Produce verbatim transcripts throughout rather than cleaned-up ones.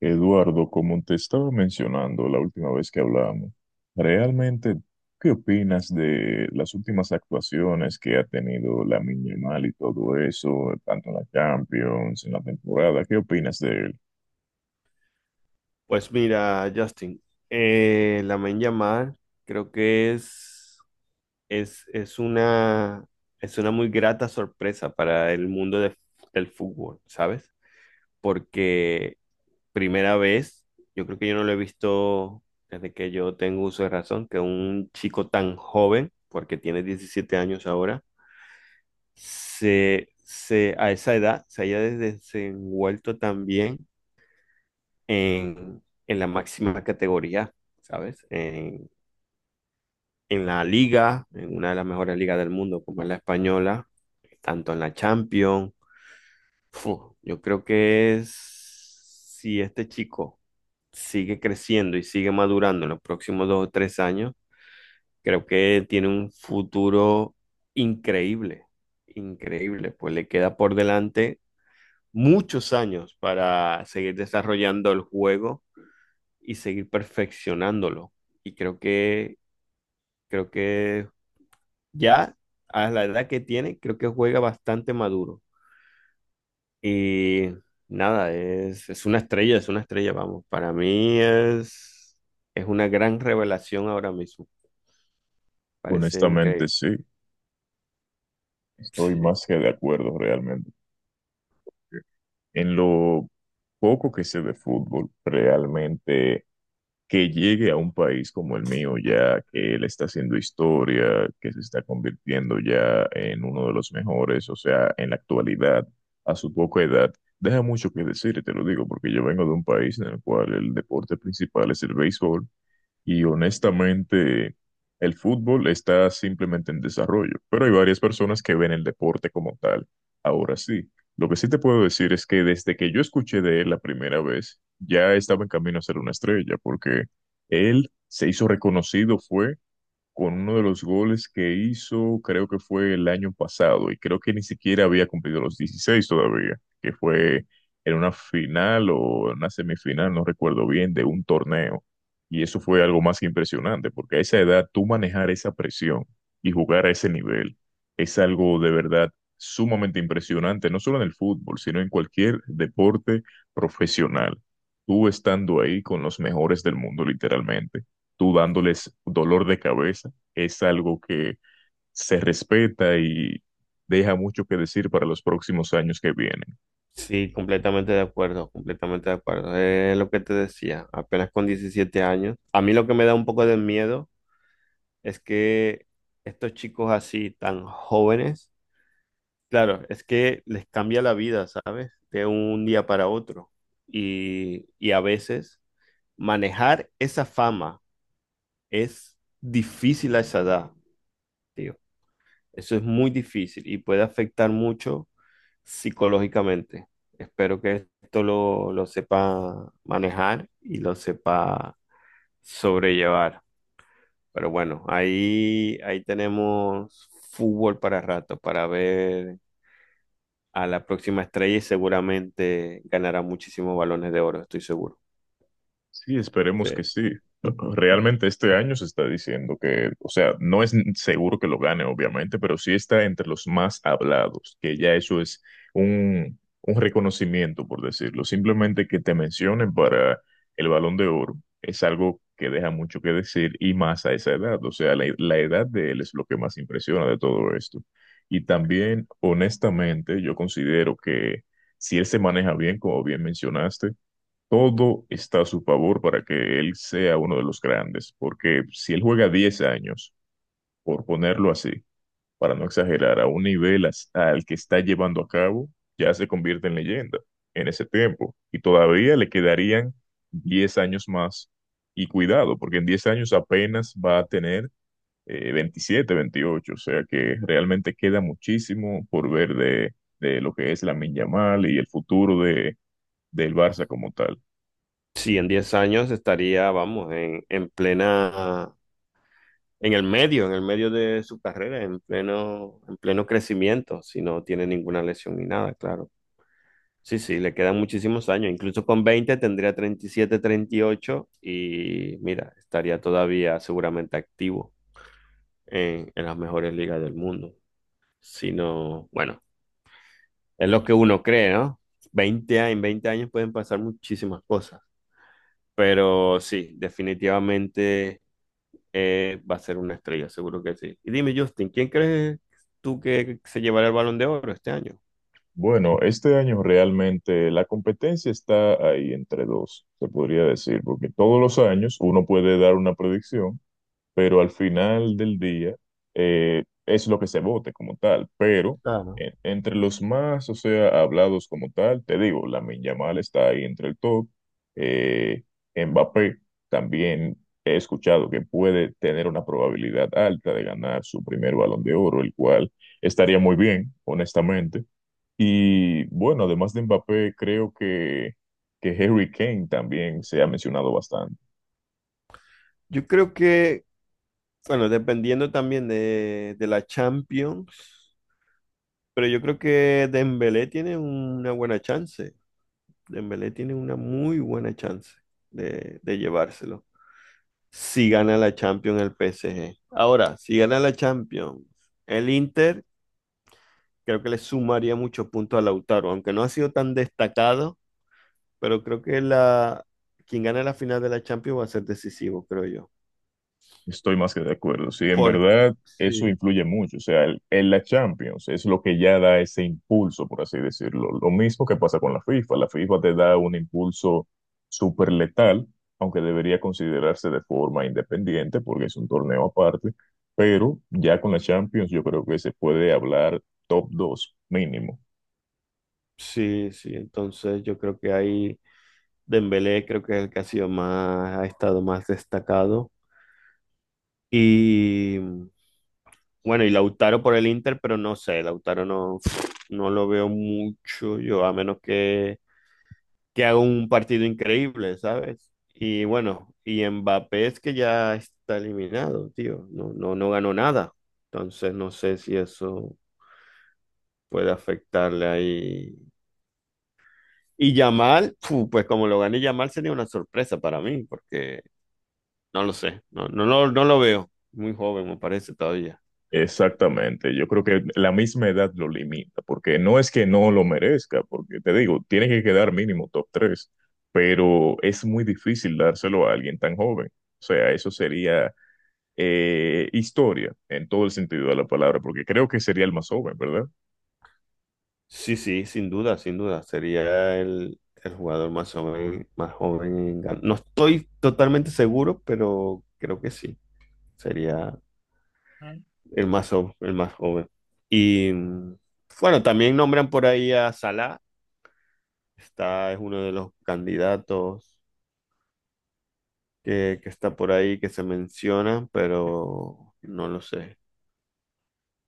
Eduardo, como te estaba mencionando la última vez que hablamos, realmente, ¿qué opinas de las últimas actuaciones que ha tenido la Yamal y todo eso, tanto en la Champions, en la temporada? ¿Qué opinas de él? Pues mira, Justin, eh, Lamine llamada creo que es, es, es una, es una muy grata sorpresa para el mundo de- del fútbol, ¿sabes? Porque primera vez, yo creo que yo no lo he visto desde que yo tengo uso de razón, que un chico tan joven, porque tiene diecisiete años ahora, se, se, a esa edad se haya desenvuelto tan bien en, en la máxima categoría, ¿sabes? En, en la liga, en una de las mejores ligas del mundo, como es la española, tanto en la Champions. Fu, yo creo que es, si este chico sigue creciendo y sigue madurando en los próximos dos o tres años, creo que tiene un futuro increíble, increíble, pues le queda por delante muchos años para seguir desarrollando el juego y seguir perfeccionándolo. Y creo que, creo que ya a la edad que tiene, creo que juega bastante maduro. Y nada, es, es una estrella, es una estrella, vamos. Para mí es, es una gran revelación ahora mismo. Parece Honestamente, increíble. sí, estoy Sí, más que de acuerdo realmente. En lo poco que sé de fútbol, realmente que llegue a un país como el mío, ya que él está haciendo historia, que se está convirtiendo ya en uno de los mejores, o sea, en la actualidad, a su poca edad, deja mucho que decir, y te lo digo, porque yo vengo de un país en el cual el deporte principal es el béisbol y honestamente, el fútbol está simplemente en desarrollo, pero hay varias personas que ven el deporte como tal. Ahora sí, lo que sí te puedo decir es que desde que yo escuché de él la primera vez, ya estaba en camino a ser una estrella, porque él se hizo reconocido, fue con uno de los goles que hizo, creo que fue el año pasado, y creo que ni siquiera había cumplido los dieciséis todavía, que fue en una final o en una semifinal, no recuerdo bien, de un torneo. Y eso fue algo más que impresionante, porque a esa edad tú manejar esa presión y jugar a ese nivel es algo de verdad sumamente impresionante, no solo en el fútbol, sino en cualquier deporte profesional. Tú estando ahí con los mejores del mundo, literalmente tú dándoles dolor de cabeza, es algo que se respeta y deja mucho que decir para los próximos años que vienen. sí, completamente de acuerdo, completamente de acuerdo. Es lo que te decía, apenas con diecisiete años. A mí lo que me da un poco de miedo es que estos chicos así tan jóvenes. Claro, es que les cambia la vida, ¿sabes? De un día para otro. Y, y a veces manejar esa fama es difícil a esa edad, tío. Eso es muy difícil y puede afectar mucho psicológicamente. Espero que esto lo, lo sepa manejar y lo sepa sobrellevar. Pero bueno, ahí, ahí tenemos fútbol para rato, para ver a la próxima estrella y seguramente ganará muchísimos balones de oro, estoy seguro. Sí, Sí, esperemos que sí. Realmente este año se está diciendo que, o sea, no es seguro que lo gane, obviamente, pero sí está entre los más hablados, que ya eso es un, un reconocimiento, por decirlo. Simplemente que te mencionen para el Balón de Oro es algo que deja mucho que decir y más a esa edad. O sea, la, la edad de él es lo que más impresiona de todo esto. Y también, honestamente, yo considero que si él se maneja bien, como bien mencionaste, todo está a su favor para que él sea uno de los grandes, porque si él juega diez años, por ponerlo así, para no exagerar, a un nivel as- al que está llevando a cabo, ya se convierte en leyenda en ese tiempo. Y todavía le quedarían diez años más. Y cuidado, porque en diez años apenas va a tener eh, veintisiete, veintiocho, o sea que realmente queda muchísimo por ver de, de lo que es la Yamal y el futuro de, del Barça como tal. sí, en diez años estaría, vamos, en, en plena, en el medio, en el medio de su carrera, en pleno, en pleno crecimiento, si no tiene ninguna lesión ni nada, claro. Sí, sí, le quedan muchísimos años. Incluso con veinte tendría treinta y siete, treinta y ocho y ocho y mira, estaría todavía seguramente activo en, en las mejores ligas del mundo. Si no, bueno, es lo que uno cree, ¿no? Veinte años, en veinte años pueden pasar muchísimas cosas, pero sí, definitivamente eh, va a ser una estrella, seguro que sí. Y dime, Justin, ¿quién crees tú que se llevará el Balón de Oro este año? Bueno, este año realmente la competencia está ahí entre dos, se podría decir, porque todos los años uno puede dar una predicción, pero al final del día eh, es lo que se vote como tal. Pero Claro. en- entre los más, o sea, hablados como tal, te digo, Lamine Yamal está ahí entre el top, eh, Mbappé también he escuchado que puede tener una probabilidad alta de ganar su primer Balón de Oro, el cual estaría muy bien, honestamente. Y bueno, además de Mbappé, creo que, que Harry Kane también se ha mencionado bastante. Yo creo que, bueno, dependiendo también de, de la Champions, pero yo creo que Dembélé tiene una buena chance. Dembélé tiene una muy buena chance de, de llevárselo. Si gana la Champions el P S G. Ahora, si gana la Champions, el Inter creo que le sumaría muchos puntos a Lautaro, aunque no ha sido tan destacado, pero creo que la quien gane la final de la Champions va a ser decisivo, creo yo. Estoy más que de acuerdo. Sí, en Por verdad eso sí, influye mucho. O sea, el- en la Champions es lo que ya da ese impulso, por así decirlo. Lo mismo que pasa con la FIFA. La FIFA te da un impulso súper letal, aunque debería considerarse de forma independiente porque es un torneo aparte. Pero ya con la Champions yo creo que se puede hablar top dos mínimo. sí, sí, entonces yo creo que ahí Dembélé creo que es el que ha sido más, ha estado más destacado y bueno, y Lautaro por el Inter, pero no sé, Lautaro no no lo veo mucho yo, a menos que que haga un partido increíble, ¿sabes? Y bueno, y Mbappé es que ya está eliminado, tío. No, no, no ganó nada. Entonces no sé si eso puede afectarle ahí. Y Yamal, fu, pues como lo gané Yamal sería una sorpresa para mí, porque no lo sé, no, no, no, no lo veo. Muy joven me parece todavía. Exactamente, yo creo que la misma edad lo limita, porque no es que no lo merezca, porque te digo, tiene que quedar mínimo top tres, pero es muy difícil dárselo a alguien tan joven. O sea, eso sería eh, historia en todo el sentido de la palabra, porque creo que sería el más joven, ¿verdad? Sí, sí, sin duda, sin duda. Sería el, el jugador más joven, más joven en gan- no estoy totalmente seguro, pero creo que sí. Sería el más, jo- el más joven. Y mm, bueno, también nombran por ahí a Salah, está, es uno de los candidatos que, que está por ahí, que se menciona, pero no lo sé.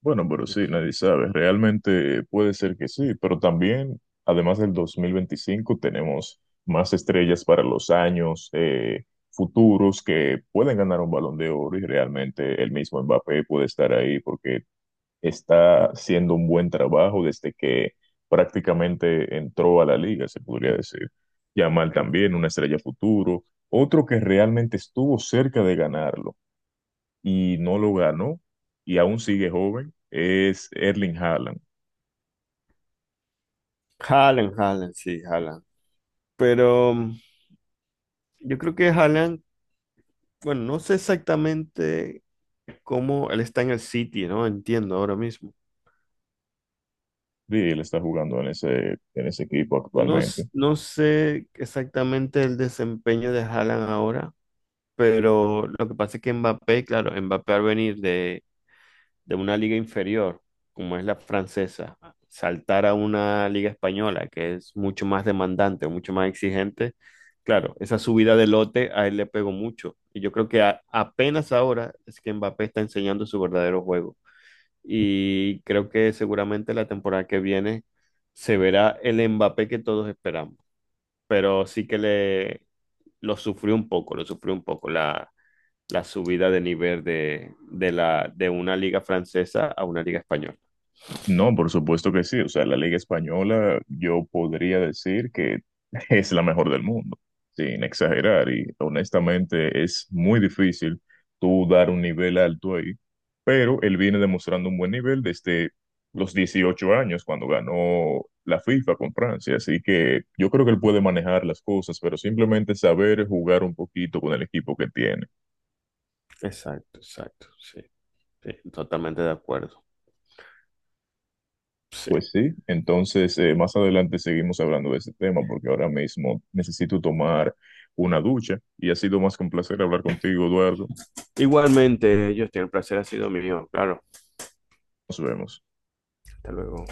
Bueno, pero sí, nadie sabe. Realmente puede ser que sí, pero también, además del dos mil veinticinco, tenemos más estrellas para los años eh, futuros que pueden ganar un Balón de Oro y realmente el mismo Mbappé puede estar ahí porque está haciendo un buen trabajo desde que prácticamente entró a la liga, se podría decir. Yamal también, una estrella futuro. Otro que realmente estuvo cerca de ganarlo y no lo ganó y aún sigue joven es Erling Haaland. Haaland, Haaland, sí, Haaland. Pero mm, yo creo que Haaland, bueno, no sé exactamente cómo él está en el City, ¿no? Entiendo ahora mismo. Sí, él está jugando en ese, en ese equipo No, s- actualmente. no sé exactamente el desempeño de Haaland ahora, pero lo que pasa es que Mbappé, claro, Mbappé al venir de, de una liga inferior, como es la francesa, saltar a una liga española que es mucho más demandante, mucho más exigente, claro, esa subida de lote a él le pegó mucho. Y yo creo que a- apenas ahora es que Mbappé está enseñando su verdadero juego. Y creo que seguramente la temporada que viene se verá el Mbappé que todos esperamos. Pero sí que le lo sufrió un poco, lo sufrió un poco. La, la subida de nivel de, de la, de una liga francesa a una liga española. No, por supuesto que sí. O sea, la Liga Española yo podría decir que es la mejor del mundo, sin exagerar. Y honestamente es muy difícil tú dar un nivel alto ahí, pero él viene demostrando un buen nivel desde los dieciocho años cuando ganó la FIFA con Francia. Así que yo creo que él puede manejar las cosas, pero simplemente saber jugar un poquito con el equipo que tiene. Exacto, exacto, sí, sí, totalmente de acuerdo. Sí. Pues sí, entonces eh, más adelante seguimos hablando de ese tema porque ahora mismo necesito tomar una ducha y ha sido más que un placer hablar contigo, Eduardo. Igualmente, Justin, el placer ha sido mío, claro. Nos vemos. Hasta luego.